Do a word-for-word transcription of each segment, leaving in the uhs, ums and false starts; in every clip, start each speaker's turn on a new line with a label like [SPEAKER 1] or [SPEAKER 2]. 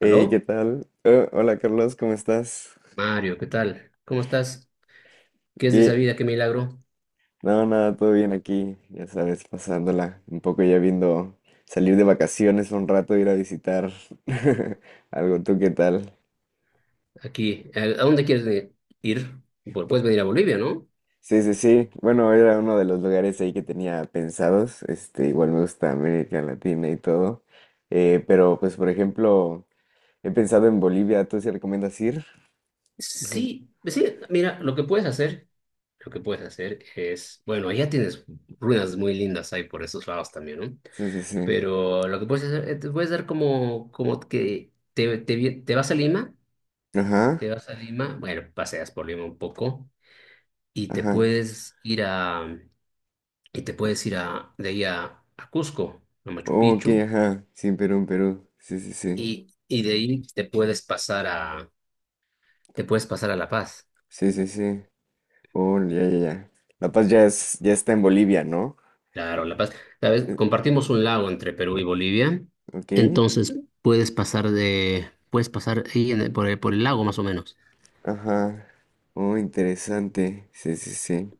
[SPEAKER 1] Hey, ¿qué
[SPEAKER 2] Aló,
[SPEAKER 1] tal? Oh, hola Carlos, ¿cómo estás?
[SPEAKER 2] Mario, ¿qué tal? ¿Cómo estás? ¿Qué es de esa
[SPEAKER 1] Bien,
[SPEAKER 2] vida? ¿Qué milagro?
[SPEAKER 1] no, nada, todo bien aquí, ya sabes, pasándola un poco ya viendo salir de vacaciones un rato, ir a visitar algo, ¿tú qué tal?
[SPEAKER 2] Aquí, ¿a a dónde quieres venir? Ir? Bu- Puedes venir a Bolivia, ¿no?
[SPEAKER 1] Sí, sí, sí, bueno, era uno de los lugares ahí que tenía pensados, este, igual me gusta América Latina y todo, eh, pero pues por ejemplo, he pensado en Bolivia, ¿tú sí recomiendas ir?
[SPEAKER 2] Sí, pues sí, mira, lo que puedes hacer, lo que puedes hacer es, bueno, allá tienes ruinas muy lindas ahí por esos lados también, ¿no?
[SPEAKER 1] Sí, sí, sí,
[SPEAKER 2] Pero lo que puedes hacer, eh, te puedes dar como, como que te, te, vi- te vas a Lima,
[SPEAKER 1] ajá,
[SPEAKER 2] te vas a Lima, bueno, paseas por Lima un poco y te
[SPEAKER 1] ajá,
[SPEAKER 2] puedes ir a, y te puedes ir a, de ahí a, a Cusco, a Machu
[SPEAKER 1] oh, ok,
[SPEAKER 2] Picchu.
[SPEAKER 1] ajá, sí, Perú, Perú, sí, sí, sí.
[SPEAKER 2] Y, y de ahí te puedes pasar a, te puedes pasar a La Paz.
[SPEAKER 1] Sí, sí, sí. Oh, ya, ya, ya. La Paz ya es, ya está en Bolivia, ¿no?
[SPEAKER 2] Claro, La Paz. ¿Sabes?
[SPEAKER 1] Eh,
[SPEAKER 2] Compartimos
[SPEAKER 1] ajá,
[SPEAKER 2] un lago entre Perú y Bolivia.
[SPEAKER 1] ok.
[SPEAKER 2] Entonces puedes pasar de, puedes pasar ahí en el- por el, por el lago más o menos.
[SPEAKER 1] Ajá. Oh, interesante. Sí, sí, sí.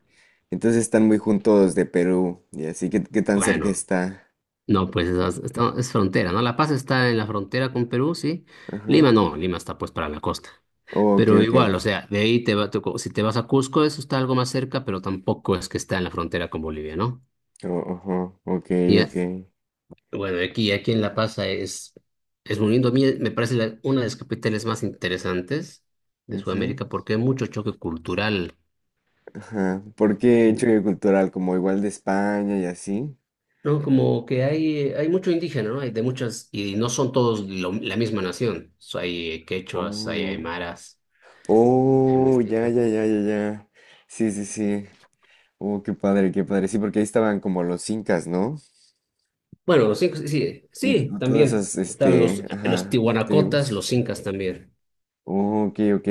[SPEAKER 1] Entonces están muy juntos de Perú. Y así, ¿qué, qué tan cerca
[SPEAKER 2] Bueno,
[SPEAKER 1] está?
[SPEAKER 2] no, pues es, es- es frontera, ¿no? La Paz está en la frontera con Perú, sí.
[SPEAKER 1] Ajá.
[SPEAKER 2] Lima no, Lima está pues para la costa.
[SPEAKER 1] Oh, ok,
[SPEAKER 2] Pero
[SPEAKER 1] ok.
[SPEAKER 2] igual, o sea, de ahí te va, te- si te vas a Cusco, eso está algo más cerca, pero tampoco es que está en la frontera con Bolivia, ¿no?
[SPEAKER 1] Oh, ajá. Ok,
[SPEAKER 2] Ya.
[SPEAKER 1] ok.
[SPEAKER 2] Bueno, aquí, aquí en La Paz es, es muy lindo. A mí me parece la- una de las capitales más interesantes de
[SPEAKER 1] Ujú.
[SPEAKER 2] Sudamérica porque hay mucho choque cultural.
[SPEAKER 1] Ajá. ¿Por qué choque cultural? Como igual de España y así.
[SPEAKER 2] No, como que hay, hay mucho indígena, ¿no? Hay de muchas, y no son todos lo- la misma nación. So, hay quechuas, hay
[SPEAKER 1] Oh.
[SPEAKER 2] aymaras, hay
[SPEAKER 1] Oh, ya,
[SPEAKER 2] mestizos.
[SPEAKER 1] ya, ya, ya, ya. Sí, sí, sí. Oh, qué padre, qué padre. Sí, porque ahí estaban como los incas, ¿no?
[SPEAKER 2] Bueno, los incas, sí,
[SPEAKER 1] Y
[SPEAKER 2] sí,
[SPEAKER 1] todas
[SPEAKER 2] también.
[SPEAKER 1] esas,
[SPEAKER 2] Estaban los,
[SPEAKER 1] este,
[SPEAKER 2] los
[SPEAKER 1] ajá,
[SPEAKER 2] tihuanacotas,
[SPEAKER 1] tribus.
[SPEAKER 2] los incas también.
[SPEAKER 1] Oh, ok, ok.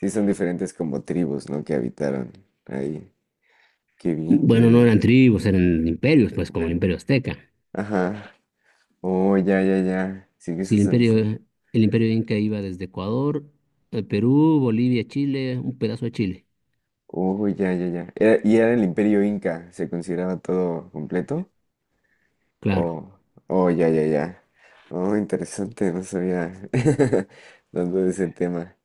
[SPEAKER 1] Sí, son diferentes como tribus, ¿no? Que habitaron ahí. Qué bien, qué
[SPEAKER 2] Bueno, no eran
[SPEAKER 1] bien.
[SPEAKER 2] tribus, eran imperios, pues como el
[SPEAKER 1] Ve-
[SPEAKER 2] imperio azteca.
[SPEAKER 1] Ajá. Oh, ya, ya, ya. Sí, que
[SPEAKER 2] Sí,
[SPEAKER 1] esas
[SPEAKER 2] el
[SPEAKER 1] son
[SPEAKER 2] imperio,
[SPEAKER 1] esas.
[SPEAKER 2] el imperio Inca iba desde Ecuador, eh, Perú, Bolivia, Chile, un pedazo de Chile.
[SPEAKER 1] Oh, ya, ya, ya. Era- y era el imperio inca. ¿Se consideraba todo completo?
[SPEAKER 2] Claro.
[SPEAKER 1] Oh, oh, ya, ya, ya. Oh, interesante. No sabía tanto de ese tema.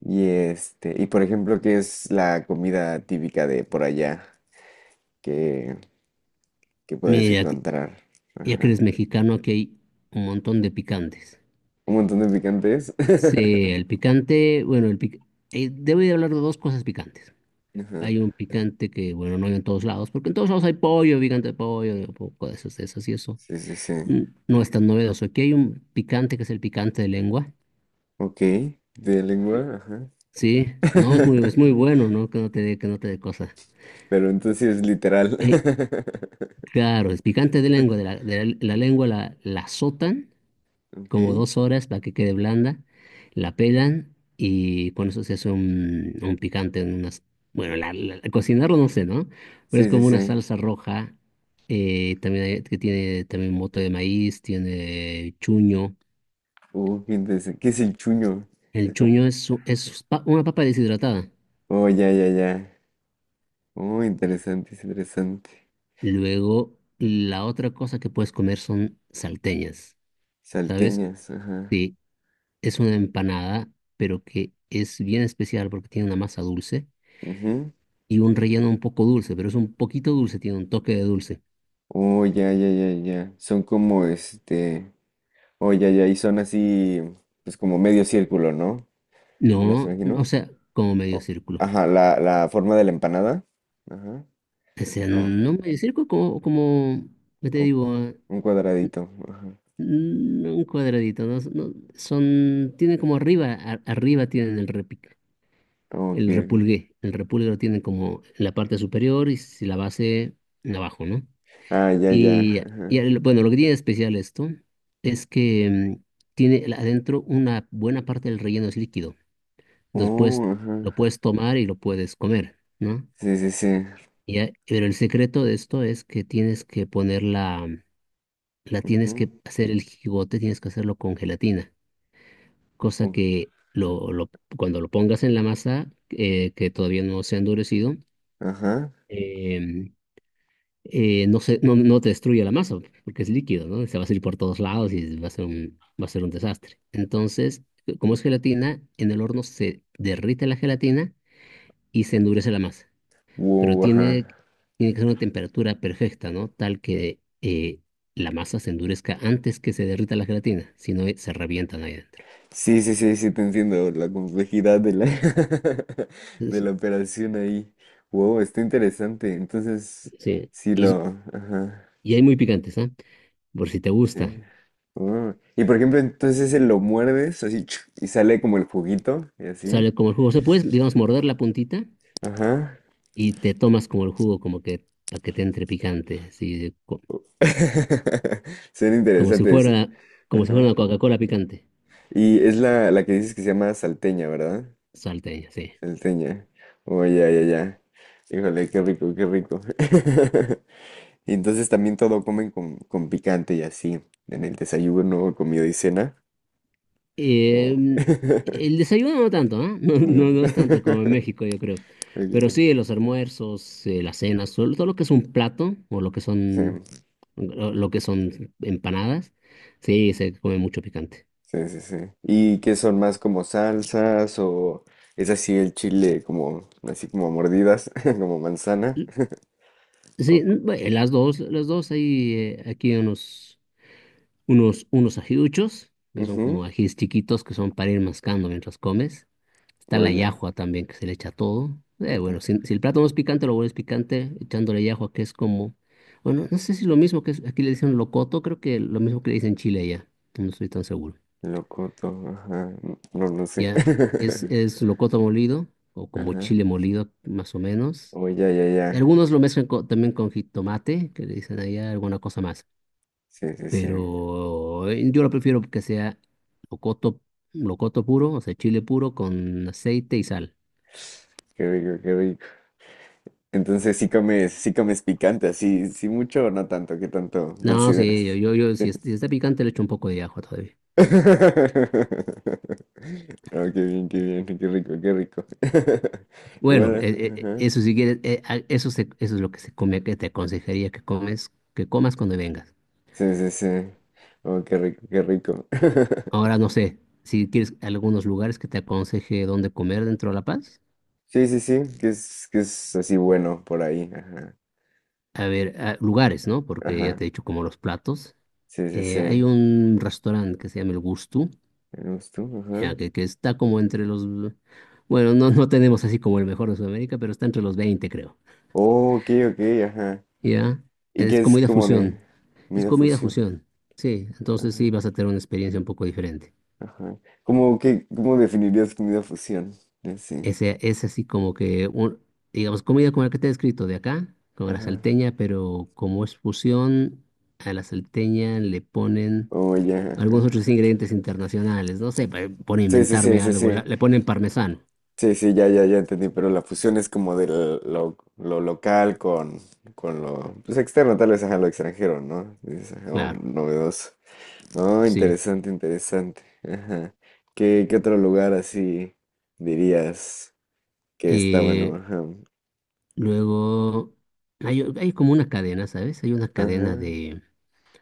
[SPEAKER 1] Y este, y por ejemplo, ¿qué es la comida típica de por allá que, que puedes
[SPEAKER 2] Mira, que-
[SPEAKER 1] encontrar?
[SPEAKER 2] ya que eres
[SPEAKER 1] Ajá.
[SPEAKER 2] mexicano, aquí hay un montón de picantes.
[SPEAKER 1] Un montón de picantes.
[SPEAKER 2] Sí, el picante, bueno, el pic- eh, debo de hablar de dos cosas picantes.
[SPEAKER 1] Ajá.
[SPEAKER 2] Hay un picante que, bueno, no hay en todos lados, porque en todos lados hay pollo, picante de pollo, un poco de esas, de esas y eso.
[SPEAKER 1] Sí, sí, sí.
[SPEAKER 2] Mm, No es tan novedoso. Aquí hay un picante que es el picante de lengua.
[SPEAKER 1] Ok. De lengua, ajá.
[SPEAKER 2] Sí, no, es muy, es muy bueno, ¿no? Que no te dé, que no te dé cosa.
[SPEAKER 1] Pero entonces sí es literal.
[SPEAKER 2] Eh, Claro, es picante de lengua, de la, de la- la lengua la, la azotan
[SPEAKER 1] Ok.
[SPEAKER 2] como dos horas para que quede blanda, la pelan y con eso se hace un, un picante, en unas, bueno, la- la- cocinarlo no sé, ¿no? Pero es
[SPEAKER 1] Sí, sí,
[SPEAKER 2] como una
[SPEAKER 1] sí.
[SPEAKER 2] salsa roja, eh, también hay- que tiene también mote de maíz, tiene chuño.
[SPEAKER 1] Uh, qué interesante. ¿Qué es el chuño?
[SPEAKER 2] El
[SPEAKER 1] Es
[SPEAKER 2] chuño
[SPEAKER 1] como.
[SPEAKER 2] es, u- es pa- una papa deshidratada.
[SPEAKER 1] Oh, ya, ya, ya. Oh, interesante, es interesante.
[SPEAKER 2] Luego, la otra cosa que puedes comer son salteñas, ¿sabes?
[SPEAKER 1] Salteñas, ajá.
[SPEAKER 2] Sí, es una empanada, pero que es bien especial porque tiene una masa dulce
[SPEAKER 1] Ujú.
[SPEAKER 2] y un relleno un poco dulce, pero es un poquito dulce, tiene un toque de dulce.
[SPEAKER 1] Oh, ya, ya, ya, ya. Son como este. Oh, ya, ya. Y son así, pues como medio círculo, ¿no? ¿Las
[SPEAKER 2] No, no, o
[SPEAKER 1] imagino?
[SPEAKER 2] sea, como medio
[SPEAKER 1] O-
[SPEAKER 2] círculo.
[SPEAKER 1] Ajá, la, la forma de la empanada. Ajá.
[SPEAKER 2] O sea,
[SPEAKER 1] o-
[SPEAKER 2] no medio círculo, como, como, ¿qué te
[SPEAKER 1] o
[SPEAKER 2] digo? Ah,
[SPEAKER 1] un cuadradito. Ajá.
[SPEAKER 2] n- un cuadradito, ¿no? No, son, tiene como arriba, a- arriba tienen el repic,
[SPEAKER 1] Oh, ok,
[SPEAKER 2] el
[SPEAKER 1] ok.
[SPEAKER 2] repulgué. El repulgue lo tienen como en la parte superior y si la base abajo, ¿no?
[SPEAKER 1] Ah, ya, ya.
[SPEAKER 2] Y, y
[SPEAKER 1] Ajá.
[SPEAKER 2] el- bueno, lo que tiene de especial esto es que mm, tiene la- adentro una buena parte del relleno es líquido. Después
[SPEAKER 1] Oh,
[SPEAKER 2] lo
[SPEAKER 1] ajá.
[SPEAKER 2] puedes tomar y lo puedes comer, ¿no?
[SPEAKER 1] Sí, sí, sí.
[SPEAKER 2] Y a- pero el secreto de esto es que tienes que ponerla, la tienes
[SPEAKER 1] Ujú.
[SPEAKER 2] que hacer el jigote, tienes que hacerlo con gelatina, cosa
[SPEAKER 1] Uh,
[SPEAKER 2] que lo, lo- cuando lo pongas en la masa, eh, que todavía no se ha endurecido,
[SPEAKER 1] Ajá.
[SPEAKER 2] em, eh, no se, no, no te destruye la masa, porque es líquido, ¿no? Se va a salir por todos lados y va a ser un, va a ser un desastre. Entonces, eh, como es gelatina, en el horno se derrite la gelatina y se endurece la masa. Pero
[SPEAKER 1] Wow, ajá.
[SPEAKER 2] tiene, tiene que ser una temperatura perfecta, ¿no? Tal que eh, la masa se endurezca antes que se derrita la gelatina, si no eh, se revientan ahí adentro.
[SPEAKER 1] Sí, sí, sí, sí, te entiendo la complejidad de la, de
[SPEAKER 2] Entonces,
[SPEAKER 1] la operación ahí. Wow, está interesante. Entonces,
[SPEAKER 2] sí,
[SPEAKER 1] sí lo...
[SPEAKER 2] y,
[SPEAKER 1] Ajá,
[SPEAKER 2] y hay muy picantes, ¿ah? Por si te
[SPEAKER 1] sí.
[SPEAKER 2] gusta.
[SPEAKER 1] Oh, y por ejemplo, entonces ese lo muerdes así chuc, y sale como el juguito y así.
[SPEAKER 2] Sale como el jugo. Se puede, digamos, morder la puntita
[SPEAKER 1] Ajá.
[SPEAKER 2] y te tomas como el jugo, como que para que te entre picante, sí, co-
[SPEAKER 1] Suena
[SPEAKER 2] como si
[SPEAKER 1] interesante. Ese.
[SPEAKER 2] fuera, como si fuera
[SPEAKER 1] Ajá.
[SPEAKER 2] una Coca-Cola picante,
[SPEAKER 1] Y es la, la que dices que se llama salteña, ¿verdad?
[SPEAKER 2] salteña, sí.
[SPEAKER 1] Salteña. Oh, ya, ya, ya. Híjole, qué rico, qué rico. Y entonces también todo comen con, con picante y así, en el desayuno, comida y cena. o-
[SPEAKER 2] Em, el desayuno no tanto, ¿ah? No,
[SPEAKER 1] No.
[SPEAKER 2] no, no es tanto como en México, yo creo. Pero
[SPEAKER 1] Ok,
[SPEAKER 2] sí, los almuerzos, eh, las cenas, todo, todo lo que es un plato o lo que
[SPEAKER 1] sí,
[SPEAKER 2] son, lo lo que son empanadas, sí, se come mucho picante.
[SPEAKER 1] sí, sí, sí. ¿Y qué son más como salsas o es así el chile como así como a mordidas, como manzana? O,
[SPEAKER 2] Sí,
[SPEAKER 1] co-
[SPEAKER 2] n- bueno, las dos, las dos hay eh, aquí unos unos, unos ajiduchos, que son como
[SPEAKER 1] ujú,
[SPEAKER 2] ajíes chiquitos que son para ir mascando mientras comes. Está la
[SPEAKER 1] oye,
[SPEAKER 2] llajua también, que se le echa todo. Eh,
[SPEAKER 1] oye,
[SPEAKER 2] bueno, si, si el plato no es picante, lo vuelves picante echándole llajua, que es como, bueno, no sé si lo mismo que es- aquí le dicen locoto, creo que lo mismo que le dicen chile ya, no estoy tan seguro.
[SPEAKER 1] locoto, ajá, n- no, no sé.
[SPEAKER 2] Ya, es, es locoto molido, o como
[SPEAKER 1] Ajá.
[SPEAKER 2] chile molido, más o menos.
[SPEAKER 1] Oye, ya, ya,
[SPEAKER 2] Y
[SPEAKER 1] ya.
[SPEAKER 2] algunos lo mezclan co- también con jitomate, que le dicen allá alguna cosa más.
[SPEAKER 1] Sí, sí, sí.
[SPEAKER 2] Pero eh, yo lo prefiero que sea locoto, locoto puro, o sea, chile puro con aceite y sal.
[SPEAKER 1] Qué rico, qué rico. Entonces sí comes, sí comes picante, así, sí mucho o no tanto, ¿qué tanto
[SPEAKER 2] No, sí, yo,
[SPEAKER 1] consideras?
[SPEAKER 2] yo, yo si,
[SPEAKER 1] Sí.
[SPEAKER 2] es- si está picante le echo un poco de ajo todavía.
[SPEAKER 1] Oh, qué bien, qué bien, qué rico, qué rico.
[SPEAKER 2] Bueno,
[SPEAKER 1] Igual,
[SPEAKER 2] eh, eh,
[SPEAKER 1] ajá.
[SPEAKER 2] eso si quieres, eh, ah, eso, se- eso es lo que se come, que te aconsejaría que comes, que comas cuando vengas.
[SPEAKER 1] Sí, sí, sí. Oh, qué rico, qué rico.
[SPEAKER 2] Ahora no sé, si quieres algunos lugares que te aconseje dónde comer dentro de La Paz.
[SPEAKER 1] Sí, sí, sí, que es, que es así bueno por ahí, ajá,
[SPEAKER 2] A ver, ah, lugares, ¿no? Porque ya
[SPEAKER 1] ajá.
[SPEAKER 2] te he dicho como los platos.
[SPEAKER 1] Sí, sí, sí.
[SPEAKER 2] Eh, hay un restaurante que se llama El Gusto
[SPEAKER 1] ¿Eres tú?
[SPEAKER 2] ya,
[SPEAKER 1] Ajá.
[SPEAKER 2] que, que está como entre los... Bueno, no, no tenemos así como el mejor de Sudamérica, pero está entre los veinte creo.
[SPEAKER 1] Oh, ok, ok, ajá.
[SPEAKER 2] Ya,
[SPEAKER 1] ¿Y qué
[SPEAKER 2] es
[SPEAKER 1] es
[SPEAKER 2] comida
[SPEAKER 1] como de
[SPEAKER 2] fusión. Es
[SPEAKER 1] comida
[SPEAKER 2] comida
[SPEAKER 1] fusión?
[SPEAKER 2] fusión. Sí, entonces
[SPEAKER 1] Ajá.
[SPEAKER 2] sí vas a tener una experiencia un poco diferente.
[SPEAKER 1] Ajá. ¿Cómo que, cómo definirías comida fusión? Sí.
[SPEAKER 2] Ese, es así como que, un- digamos, comida como la que te he descrito de acá, como la
[SPEAKER 1] Ajá.
[SPEAKER 2] salteña, pero como es fusión, a la salteña le ponen
[SPEAKER 1] Oh, ya,
[SPEAKER 2] algunos otros
[SPEAKER 1] ajá.
[SPEAKER 2] ingredientes internacionales. No sé, pa- por
[SPEAKER 1] Sí, sí, sí,
[SPEAKER 2] inventarme
[SPEAKER 1] sí,
[SPEAKER 2] algo, la-
[SPEAKER 1] sí.
[SPEAKER 2] le ponen parmesano,
[SPEAKER 1] Sí, sí, ya, ya, ya entendí. Pero la fusión es como de lo, lo local con, con lo pues, externo, tal vez, ajá, lo extranjero, ¿no? Es algo
[SPEAKER 2] claro,
[SPEAKER 1] novedoso. Oh,
[SPEAKER 2] sí.
[SPEAKER 1] interesante, interesante. Ajá. ¿Qué, qué otro lugar así dirías que está bueno?
[SPEAKER 2] Eh,
[SPEAKER 1] Ajá.
[SPEAKER 2] luego, hay, hay como una cadena, ¿sabes? Hay una
[SPEAKER 1] Ajá.
[SPEAKER 2] cadena de,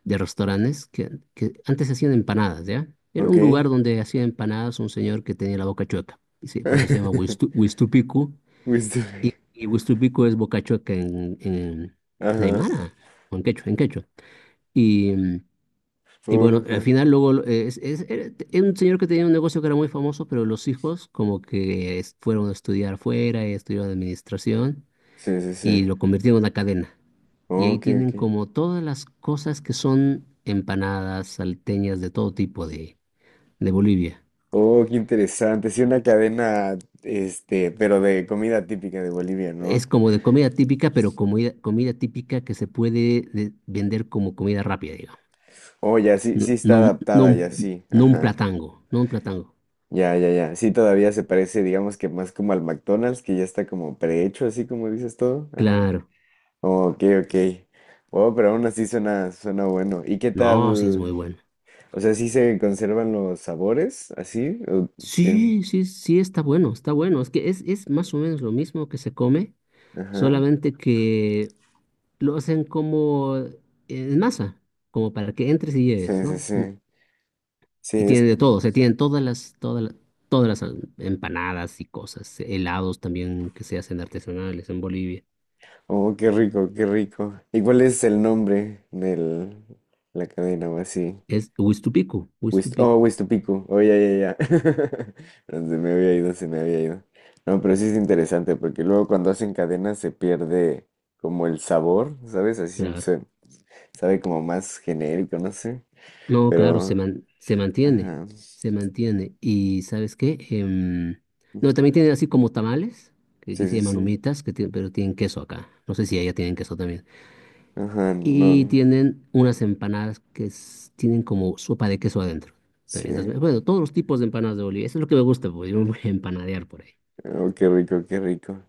[SPEAKER 2] de restaurantes que, que antes hacían empanadas, ¿ya? Era un lugar
[SPEAKER 1] Ok.
[SPEAKER 2] donde hacía empanadas un señor que tenía la boca chueca. Y sí, por eso se llama Huistu- Huistupicu.
[SPEAKER 1] Fuiste-
[SPEAKER 2] Y, y Huistupicu es boca chueca en, en, en
[SPEAKER 1] Ajá.
[SPEAKER 2] Aymara, o en quechua, en quechua. Y, mm, y bueno, al
[SPEAKER 1] Ujú.
[SPEAKER 2] final luego lo- eh, es, es- era era un señor que tenía un negocio que era muy famoso, pero los hijos como que es- fueron a estudiar fuera y estudiaron administración
[SPEAKER 1] Sí, sí, sí.
[SPEAKER 2] y lo convirtieron en una cadena. Y
[SPEAKER 1] Oh,
[SPEAKER 2] ahí
[SPEAKER 1] ok,
[SPEAKER 2] tienen
[SPEAKER 1] ok.
[SPEAKER 2] como todas las cosas que son empanadas, salteñas de todo tipo de, de Bolivia.
[SPEAKER 1] Oh, qué interesante. Sí, una cadena, este, pero de comida típica de Bolivia, ¿no?
[SPEAKER 2] Es como de comida típica, pero comida, comida típica que se puede de- vender como comida rápida, digamos.
[SPEAKER 1] Oh, ya, sí,
[SPEAKER 2] No,
[SPEAKER 1] sí está
[SPEAKER 2] no, un- no,
[SPEAKER 1] adaptada, ya
[SPEAKER 2] un-
[SPEAKER 1] sí.
[SPEAKER 2] no un
[SPEAKER 1] Ajá.
[SPEAKER 2] platango, no un platango.
[SPEAKER 1] Ya, ya, ya. Sí, todavía se parece, digamos que más como al McDonald's, que ya está como prehecho, así como dices todo. Ajá.
[SPEAKER 2] Claro.
[SPEAKER 1] Oh, ok, ok. Oh, pero aún así suena, suena bueno. ¿Y qué
[SPEAKER 2] No, sí es muy
[SPEAKER 1] tal?
[SPEAKER 2] bueno.
[SPEAKER 1] O sea, ¿sí se conservan los sabores así? ¿O bien?
[SPEAKER 2] Sí, sí, sí está bueno, está bueno. Es que es, es más o menos lo mismo que se come,
[SPEAKER 1] Ajá.
[SPEAKER 2] solamente que lo hacen como en masa, como para que entres y lleves,
[SPEAKER 1] Sí, sí,
[SPEAKER 2] ¿no?
[SPEAKER 1] sí. Sí,
[SPEAKER 2] Y
[SPEAKER 1] es
[SPEAKER 2] tienen
[SPEAKER 1] que.
[SPEAKER 2] de todo, o sea, tienen todas las, todas las, todas las em- empanadas y cosas, helados también que se hacen artesanales en Bolivia.
[SPEAKER 1] Oh, qué rico, qué rico. ¿Y cuál es el nombre de la cadena o así?
[SPEAKER 2] Es Huistupico,
[SPEAKER 1] Huist- oh,
[SPEAKER 2] Huistupico,
[SPEAKER 1] Huistupicu. Oh, ya, ya, ya. No, se me había ido, se me había ido. No, pero sí es interesante porque luego cuando hacen cadenas se pierde como el sabor, ¿sabes? Así
[SPEAKER 2] claro.
[SPEAKER 1] se sabe como más genérico, no sé.
[SPEAKER 2] No, claro, se
[SPEAKER 1] Pero,
[SPEAKER 2] man- se mantiene,
[SPEAKER 1] ajá.
[SPEAKER 2] se mantiene. ¿Y sabes qué? Em, no,
[SPEAKER 1] Ujú.
[SPEAKER 2] también tienen así como tamales, que aquí
[SPEAKER 1] Sí,
[SPEAKER 2] se
[SPEAKER 1] sí,
[SPEAKER 2] llaman
[SPEAKER 1] sí.
[SPEAKER 2] humitas, que tienen- pero tienen queso acá. No sé si allá tienen queso también.
[SPEAKER 1] Ajá, no,
[SPEAKER 2] Y
[SPEAKER 1] no,
[SPEAKER 2] tienen unas empanadas que es- tienen como sopa de queso adentro. También esas me-
[SPEAKER 1] sí.
[SPEAKER 2] bueno, todos los tipos de empanadas de Bolivia. Eso es lo que me gusta, porque yo me voy a empanadear por ahí.
[SPEAKER 1] Oh, qué rico, qué rico.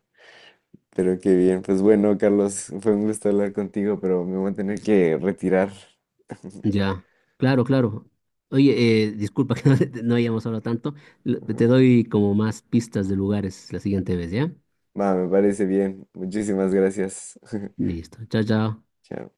[SPEAKER 1] Pero qué bien, pues bueno, Carlos, fue un gusto hablar contigo, pero me voy a tener que retirar.
[SPEAKER 2] Ya, claro, claro. Oye, eh, disculpa que no, te- no hayamos hablado tanto. Lo- Te
[SPEAKER 1] Ujú.
[SPEAKER 2] doy como más pistas de lugares la siguiente vez, ¿ya?
[SPEAKER 1] Va, me parece bien. Muchísimas gracias.
[SPEAKER 2] Listo. Chao, chao.
[SPEAKER 1] Chao.